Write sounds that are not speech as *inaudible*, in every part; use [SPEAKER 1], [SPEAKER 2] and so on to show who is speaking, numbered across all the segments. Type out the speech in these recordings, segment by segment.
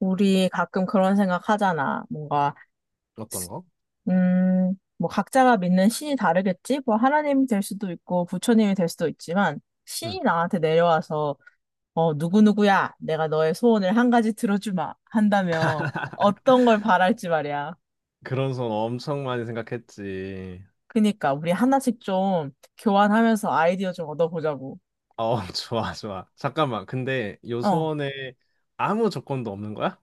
[SPEAKER 1] 우리 가끔 그런 생각 하잖아. 뭔가,
[SPEAKER 2] 어떤 거?
[SPEAKER 1] 뭐 각자가 믿는 신이 다르겠지? 뭐 하나님이 될 수도 있고 부처님이 될 수도 있지만
[SPEAKER 2] 응.
[SPEAKER 1] 신이 나한테 내려와서 누구누구야. 내가 너의 소원을 한 가지 들어주마. 한다면 어떤 걸 바랄지 말이야.
[SPEAKER 2] 그런 소원 엄청 많이 생각했지.
[SPEAKER 1] 그니까 우리 하나씩 좀 교환하면서 아이디어 좀 얻어보자고.
[SPEAKER 2] 어, *laughs* 좋아, 좋아. 잠깐만. 근데 요
[SPEAKER 1] 어.
[SPEAKER 2] 소원에 아무 조건도 없는 거야?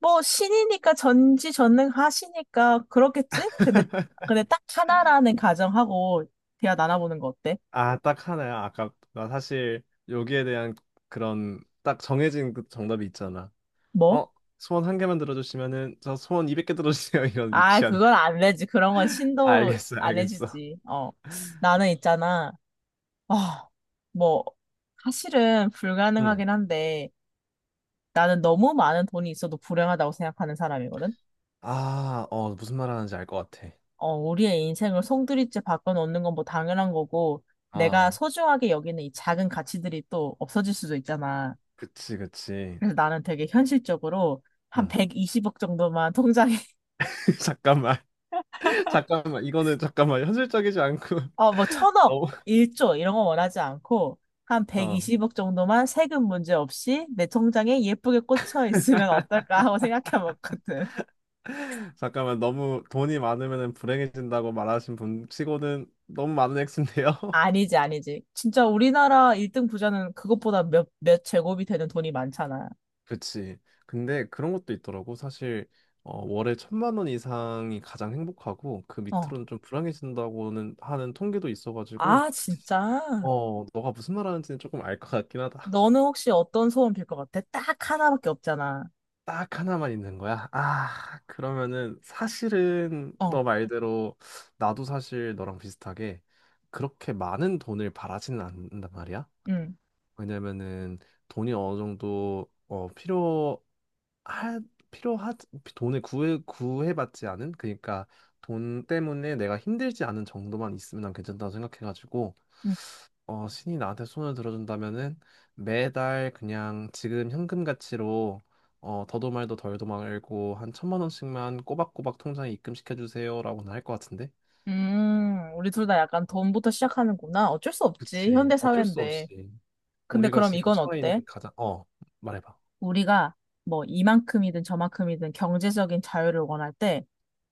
[SPEAKER 1] 뭐 신이니까 전지전능하시니까 그렇겠지? 근데
[SPEAKER 2] *laughs*
[SPEAKER 1] 근데 딱 하나라는 가정하고 대화 나눠보는 거 어때?
[SPEAKER 2] 아, 딱 하나야. 아까 나 사실 여기에 대한 그런 딱 정해진 그 정답이 있잖아.
[SPEAKER 1] 뭐?
[SPEAKER 2] 어, 소원 한 개만 들어주시면은 저 소원 200개 들어주세요. *laughs* 이런
[SPEAKER 1] 아,
[SPEAKER 2] 유치한 거.
[SPEAKER 1] 그건 안 되지. 그런 건
[SPEAKER 2] 아,
[SPEAKER 1] 신도
[SPEAKER 2] 알겠어,
[SPEAKER 1] 안
[SPEAKER 2] 알겠어.
[SPEAKER 1] 해주지. 어. 나는 있잖아. 아, 뭐, 사실은
[SPEAKER 2] 응.
[SPEAKER 1] 불가능하긴 한데, 나는 너무 많은 돈이 있어도 불행하다고 생각하는 사람이거든?
[SPEAKER 2] 아, 어, 무슨 말 하는지 알 것 같아.
[SPEAKER 1] 우리의 인생을 송두리째 바꿔놓는 건 뭐 당연한 거고, 내가
[SPEAKER 2] 아,
[SPEAKER 1] 소중하게 여기는 이 작은 가치들이 또 없어질 수도 있잖아.
[SPEAKER 2] 그치, 그치.
[SPEAKER 1] 그래서 나는 되게 현실적으로 한
[SPEAKER 2] 응.
[SPEAKER 1] 120억 정도만 *laughs* 통장에
[SPEAKER 2] *laughs* 잠깐만. 잠깐만, 이거는 잠깐만, 현실적이지 않고
[SPEAKER 1] 뭐
[SPEAKER 2] *laughs*
[SPEAKER 1] 천억,
[SPEAKER 2] 너무,
[SPEAKER 1] 일조 이런 거 원하지 않고 한
[SPEAKER 2] 어,
[SPEAKER 1] 120억 정도만 세금 문제 없이 내 통장에 예쁘게 꽂혀 있으면 어떨까 하고 생각해 봤거든.
[SPEAKER 2] 잠깐만, 너무 돈이 많으면 불행해진다고 말하신 분 치고는 너무 많은 액수인데요. *laughs*
[SPEAKER 1] 아니지, 아니지. 진짜 우리나라 1등 부자는 그것보다 몇 제곱이 되는 돈이 많잖아.
[SPEAKER 2] 그치. 근데 그런 것도 있더라고. 사실, 어, 월에 1,000만 원 이상이 가장 행복하고, 그
[SPEAKER 1] 어.
[SPEAKER 2] 밑으로는 좀 불행해진다고는 하는 통계도 있어가지고,
[SPEAKER 1] 아, 진짜?
[SPEAKER 2] 어, 너가 무슨 말 하는지는 조금 알 것 같긴 하다.
[SPEAKER 1] 너는 혹시 어떤 소원 빌 것 같아? 딱 하나밖에 없잖아.
[SPEAKER 2] 딱 하나만 있는 거야? 아, 그러면은 사실은 너
[SPEAKER 1] 어.
[SPEAKER 2] 말대로 나도 사실 너랑 비슷하게 그렇게 많은 돈을 바라지는 않는단 말이야.
[SPEAKER 1] 응.
[SPEAKER 2] 왜냐면은 돈이 어느 정도 어 필요하 돈을 구해받지 않은 그러니까 돈 때문에 내가 힘들지 않은 정도만 있으면 난 괜찮다고 생각해가지고
[SPEAKER 1] 응.
[SPEAKER 2] 어, 신이 나한테 손을 들어준다면은 매달 그냥 지금 현금 가치로 어, 더도 말도 덜도 말고 한 1,000만 원씩만 꼬박꼬박 통장에 입금시켜 주세요라고는 할 것 같은데.
[SPEAKER 1] 우리 둘 다 약간 돈부터 시작하는구나. 어쩔 수 없지.
[SPEAKER 2] 그치.
[SPEAKER 1] 현대
[SPEAKER 2] 어쩔 수
[SPEAKER 1] 사회인데.
[SPEAKER 2] 없이
[SPEAKER 1] 근데
[SPEAKER 2] 우리가
[SPEAKER 1] 그럼
[SPEAKER 2] 지금
[SPEAKER 1] 이건
[SPEAKER 2] 처해
[SPEAKER 1] 어때?
[SPEAKER 2] 있는 가장 어 말해봐.
[SPEAKER 1] 우리가 뭐 이만큼이든 저만큼이든 경제적인 자유를 원할 때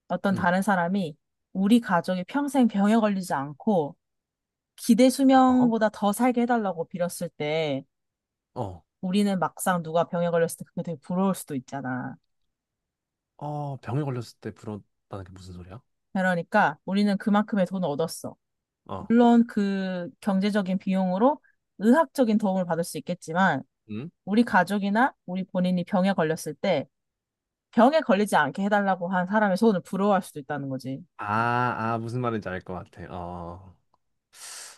[SPEAKER 1] 어떤
[SPEAKER 2] 응.
[SPEAKER 1] 다른 사람이 우리 가족이 평생 병에 걸리지 않고 기대
[SPEAKER 2] 어?
[SPEAKER 1] 수명보다 더 살게 해달라고 빌었을 때
[SPEAKER 2] 어.
[SPEAKER 1] 우리는 막상 누가 병에 걸렸을 때 그게 되게 부러울 수도 있잖아.
[SPEAKER 2] 어 병에 걸렸을 때 부러웠다는 게 무슨 소리야?
[SPEAKER 1] 그러니까 우리는 그만큼의 돈을 얻었어.
[SPEAKER 2] 어.
[SPEAKER 1] 물론 그 경제적인 비용으로 의학적인 도움을 받을 수 있겠지만
[SPEAKER 2] 응?
[SPEAKER 1] 우리 가족이나 우리 본인이 병에 걸렸을 때 병에 걸리지 않게 해달라고 한 사람의 소원을 부러워할 수도 있다는 거지.
[SPEAKER 2] 아, 아 무슨 말인지 알 것 같아. 어.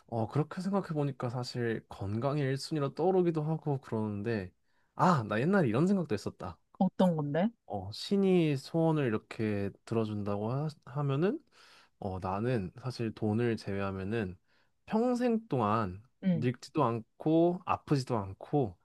[SPEAKER 2] 어, 그렇게 생각해보니까 사실 건강이 1순위로 떠오르기도 하고 그러는데, 아, 나 옛날에 이런 생각도 했었다.
[SPEAKER 1] 어떤 건데?
[SPEAKER 2] 어, 신이 소원을 이렇게 들어준다고 하면은, 어, 나는 사실 돈을 제외하면은 평생 동안
[SPEAKER 1] 응.
[SPEAKER 2] 늙지도 않고 아프지도 않고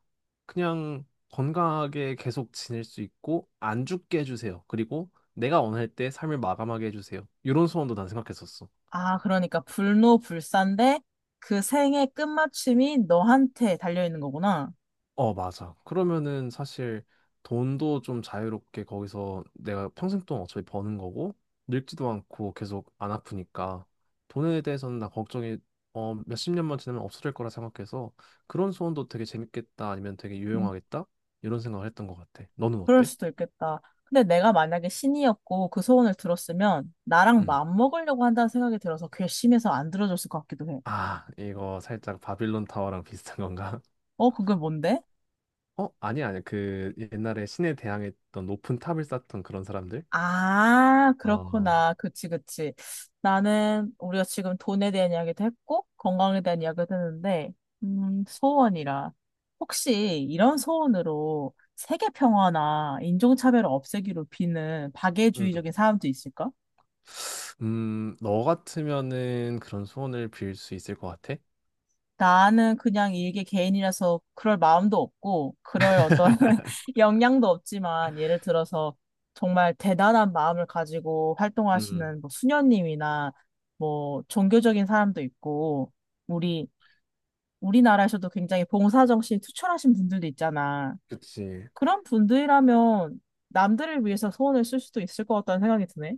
[SPEAKER 2] 그냥 건강하게 계속 지낼 수 있고 안 죽게 해주세요. 그리고 내가 원할 때 삶을 마감하게 해주세요. 이런 소원도 난 생각했었어.
[SPEAKER 1] 아, 그러니까 불노불사인데 그 생의 끝마침이 너한테 달려있는 거구나.
[SPEAKER 2] 어, 맞아. 그러면은 사실 돈도 좀 자유롭게 거기서 내가 평생 동안 어차피 버는 거고 늙지도 않고 계속 안 아프니까 돈에 대해서는 나 걱정이 어, 몇십 년만 지나면 없어질 거라 생각해서 그런 소원도 되게 재밌겠다 아니면 되게
[SPEAKER 1] 음,
[SPEAKER 2] 유용하겠다 이런 생각을 했던 것 같아. 너는
[SPEAKER 1] 그럴
[SPEAKER 2] 어때?
[SPEAKER 1] 수도 있겠다. 근데 내가 만약에 신이었고 그 소원을 들었으면 나랑
[SPEAKER 2] 응.
[SPEAKER 1] 맞먹으려고 한다는 생각이 들어서 괘씸해서 안 들어줬을 것 같기도 해.
[SPEAKER 2] 아, 이거 살짝 바빌론 타워랑 비슷한 건가? *laughs*
[SPEAKER 1] 어, 그게 뭔데?
[SPEAKER 2] 어, 아니야, 아니야. 그 옛날에 신에 대항했던 높은 탑을 쌓던 그런 사람들?
[SPEAKER 1] 아,
[SPEAKER 2] 아,
[SPEAKER 1] 그렇구나. 그치, 그치. 나는 우리가 지금 돈에 대한 이야기도 했고, 건강에 대한 이야기도 했는데, 소원이라. 혹시 이런 소원으로 세계 평화나 인종차별을 없애기로 비는
[SPEAKER 2] 음,
[SPEAKER 1] 박애주의적인 사람도 있을까?
[SPEAKER 2] 너 같으면은 그런 소원을 빌 수 있을 것 같아?
[SPEAKER 1] 나는 그냥 일개 개인이라서 그럴 마음도 없고, 그럴 어떤 *laughs* 역량도 없지만, 예를 들어서 정말 대단한 마음을 가지고
[SPEAKER 2] 음,
[SPEAKER 1] 활동하시는 뭐 수녀님이나 뭐 종교적인 사람도 있고, 우리, 우리나라에서도 굉장히 봉사정신이 투철하신 분들도 있잖아.
[SPEAKER 2] 그치.
[SPEAKER 1] 그런 분들이라면 남들을 위해서 소원을 쓸 수도 있을 것 같다는 생각이 드네.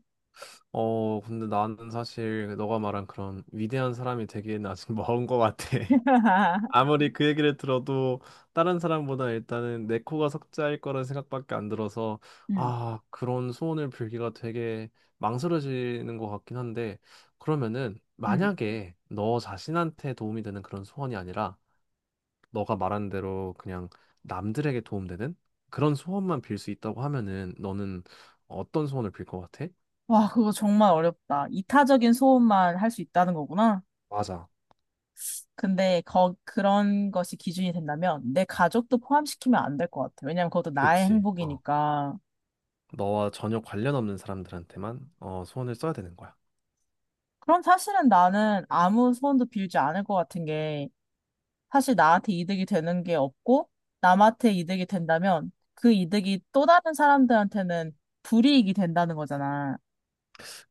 [SPEAKER 2] 어, 근데 나는 사실 너가 말한 그런 위대한 사람이 되기엔 아직 *laughs* 먼 것 같아.
[SPEAKER 1] *laughs*
[SPEAKER 2] 아무리 그 얘기를 들어도 다른 사람보다 일단은 내 코가 석자일 거란 생각밖에 안 들어서
[SPEAKER 1] 음,
[SPEAKER 2] 아, 그런 소원을 빌기가 되게 망설여지는 것 같긴 한데 그러면은
[SPEAKER 1] 음.
[SPEAKER 2] 만약에 너 자신한테 도움이 되는 그런 소원이 아니라 너가 말한 대로 그냥 남들에게 도움되는 그런 소원만 빌 수 있다고 하면은 너는 어떤 소원을 빌 것 같아?
[SPEAKER 1] 와, 그거 정말 어렵다. 이타적인 소원만 할 수 있다는 거구나.
[SPEAKER 2] 맞아.
[SPEAKER 1] 근데 그런 것이 기준이 된다면 내 가족도 포함시키면 안 될 것 같아. 왜냐면 그것도 나의
[SPEAKER 2] 그치. 어.
[SPEAKER 1] 행복이니까.
[SPEAKER 2] 너와 전혀 관련 없는 사람들한테만 어, 소원을 써야 되는 거야.
[SPEAKER 1] 그럼 사실은 나는 아무 소원도 빌지 않을 것 같은 게 사실 나한테 이득이 되는 게 없고 남한테 이득이 된다면 그 이득이 또 다른 사람들한테는 불이익이 된다는 거잖아.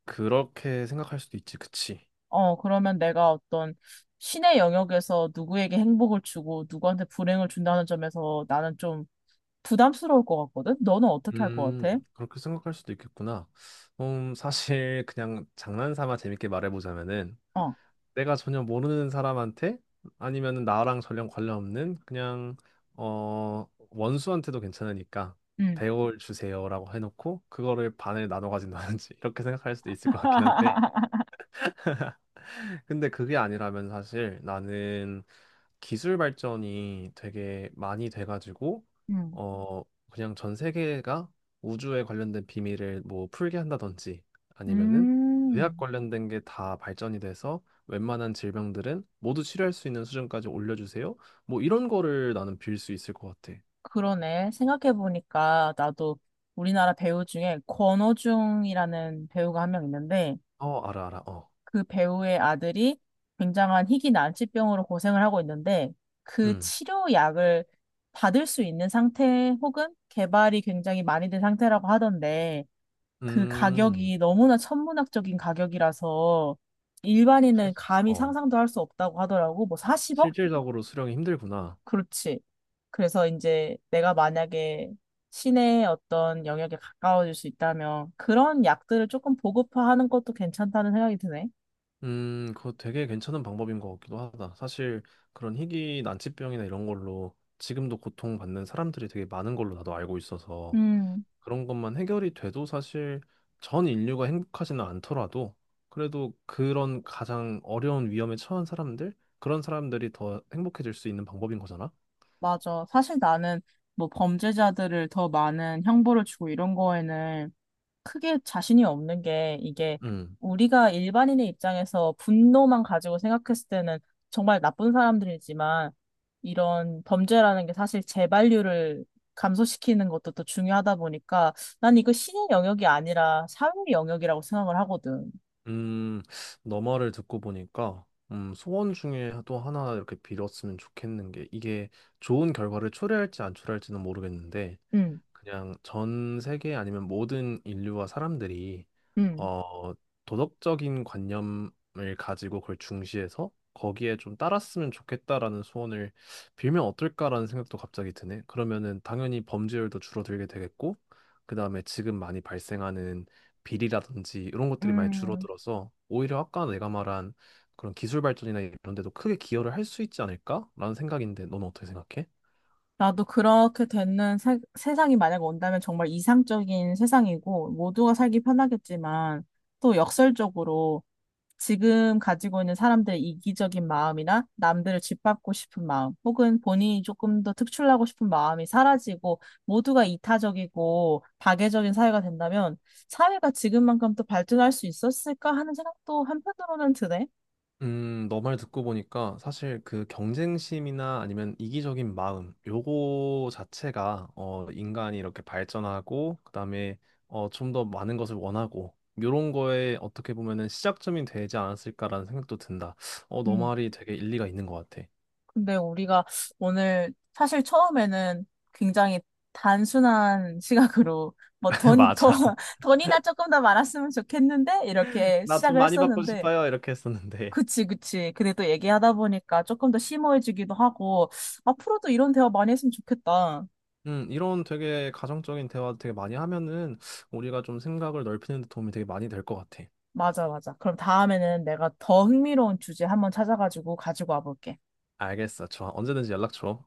[SPEAKER 2] 그렇게 생각할 수도 있지, 그치?
[SPEAKER 1] 그러면 내가 어떤 신의 영역에서 누구에게 행복을 주고 누구한테 불행을 준다는 점에서 나는 좀 부담스러울 것 같거든? 너는 어떻게 할 것 같아?
[SPEAKER 2] 그렇게 생각할 수도 있겠구나. 사실 그냥 장난삼아 재밌게 말해보자면은
[SPEAKER 1] 어.
[SPEAKER 2] 내가 전혀 모르는 사람한테 아니면 나랑 전혀 관련 없는 그냥 어 원수한테도 괜찮으니까
[SPEAKER 1] 음.
[SPEAKER 2] 배워을 주세요라고 해놓고 그거를 반을 나눠 가진다든지 *laughs* 이렇게 생각할 수도 있을 것 같긴 한데 근데 그게 아니라면 사실 나는 기술 발전이 되게 많이 돼가지고
[SPEAKER 1] 음,
[SPEAKER 2] 어 그냥 전 세계가 우주에 관련된 비밀을 뭐 풀게 한다든지 아니면은 의학
[SPEAKER 1] 음,
[SPEAKER 2] 관련된 게 다 발전이 돼서 웬만한 질병들은 모두 치료할 수 있는 수준까지 올려주세요. 뭐 이런 거를 나는 빌 수 있을 것 같아.
[SPEAKER 1] 그러네. 생각해보니까 나도 우리나라 배우 중에 권오중이라는 배우가 한 명 있는데
[SPEAKER 2] 어 알아 알아 어.
[SPEAKER 1] 그 배우의 아들이 굉장한 희귀 난치병으로 고생을 하고 있는데 그
[SPEAKER 2] 음.
[SPEAKER 1] 치료약을 받을 수 있는 상태 혹은 개발이 굉장히 많이 된 상태라고 하던데 그
[SPEAKER 2] 음.
[SPEAKER 1] 가격이 너무나 천문학적인 가격이라서 일반인은 감히
[SPEAKER 2] 어.
[SPEAKER 1] 상상도 할 수 없다고 하더라고. 뭐 40억?
[SPEAKER 2] 실질적으로 수령이 힘들구나.
[SPEAKER 1] 그렇지. 그래서 이제 내가 만약에 시내 어떤 영역에 가까워질 수 있다면 그런 약들을 조금 보급화하는 것도 괜찮다는 생각이 드네.
[SPEAKER 2] 그거 되게 괜찮은 방법인 것 같기도 하다. 사실 그런 희귀 난치병이나 이런 걸로 지금도 고통받는 사람들이 되게 많은 걸로 나도 알고 있어서
[SPEAKER 1] 음,
[SPEAKER 2] 그런 것만 해결이 돼도 사실 전 인류가 행복하지는 않더라도 그래도 그런 가장 어려운 위험에 처한 사람들, 그런 사람들이 더 행복해질 수 있는 방법인 거잖아.
[SPEAKER 1] 맞아. 사실 나는 뭐 범죄자들을 더 많은 형벌을 주고 이런 거에는 크게 자신이 없는 게 이게
[SPEAKER 2] 음,
[SPEAKER 1] 우리가 일반인의 입장에서 분노만 가지고 생각했을 때는 정말 나쁜 사람들이지만 이런 범죄라는 게 사실 재발률을 감소시키는 것도 또 중요하다 보니까 난 이거 신의 영역이 아니라 사회 영역이라고 생각을 하거든.
[SPEAKER 2] 음, 너 말을 듣고 보니까 소원 중에 또 하나 이렇게 빌었으면 좋겠는 게 이게 좋은 결과를 초래할지 안 초래할지는 모르겠는데
[SPEAKER 1] 응,
[SPEAKER 2] 그냥 전 세계 아니면 모든 인류와 사람들이
[SPEAKER 1] 응,
[SPEAKER 2] 어, 도덕적인 관념을 가지고 그걸 중시해서 거기에 좀 따랐으면 좋겠다라는 소원을 빌면 어떨까라는 생각도 갑자기 드네. 그러면은 당연히 범죄율도 줄어들게 되겠고, 그다음에 지금 많이 발생하는 비리라든지 이런 것들이 많이
[SPEAKER 1] 음.
[SPEAKER 2] 줄어들어서 오히려 아까 내가 말한 그런 기술 발전이나 이런 데도 크게 기여를 할 수 있지 않을까라는 생각인데 너는 어떻게 생각해?
[SPEAKER 1] 나도 그렇게 되는 세상이 만약 온다면 정말 이상적인 세상이고 모두가 살기 편하겠지만 또 역설적으로 지금 가지고 있는 사람들의 이기적인 마음이나 남들을 짓밟고 싶은 마음, 혹은 본인이 조금 더 특출나고 싶은 마음이 사라지고 모두가 이타적이고 파괴적인 사회가 된다면 사회가 지금만큼 또 발전할 수 있었을까 하는 생각도 한편으로는 드네.
[SPEAKER 2] 너말 듣고 보니까 사실 그 경쟁심이나 아니면 이기적인 마음, 요거 자체가 어, 인간이 이렇게 발전하고 그다음에 어, 좀 더 많은 것을 원하고 요런 거에 어떻게 보면은 시작점이 되지 않았을까라는 생각도 든다. 어, 너
[SPEAKER 1] 음,
[SPEAKER 2] 말이 되게 일리가 있는 것 같아.
[SPEAKER 1] 근데 우리가 오늘 사실 처음에는 굉장히 단순한 *laughs* 시각으로 뭐
[SPEAKER 2] *laughs*
[SPEAKER 1] 돈, 돈,
[SPEAKER 2] 맞아.
[SPEAKER 1] *laughs* 돈이나 조금 더 많았으면 좋겠는데 이렇게
[SPEAKER 2] 나 돈
[SPEAKER 1] 시작을
[SPEAKER 2] 많이 받고
[SPEAKER 1] 했었는데
[SPEAKER 2] 싶어요. 이렇게 했었는데.
[SPEAKER 1] 그치, 그치. 근데 또 얘기하다 보니까 조금 더 심오해지기도 하고, 앞으로도 이런 대화 많이 했으면 좋겠다.
[SPEAKER 2] 이런 되게 가정적인 대화 되게 많이 하면은 우리가 좀 생각을 넓히는 데 도움이 되게 많이 될 것 같아.
[SPEAKER 1] 맞아, 맞아. 그럼 다음에는 내가 더 흥미로운 주제 한번 찾아가지고 가지고 와볼게.
[SPEAKER 2] 알겠어. 좋아. 언제든지 연락 줘.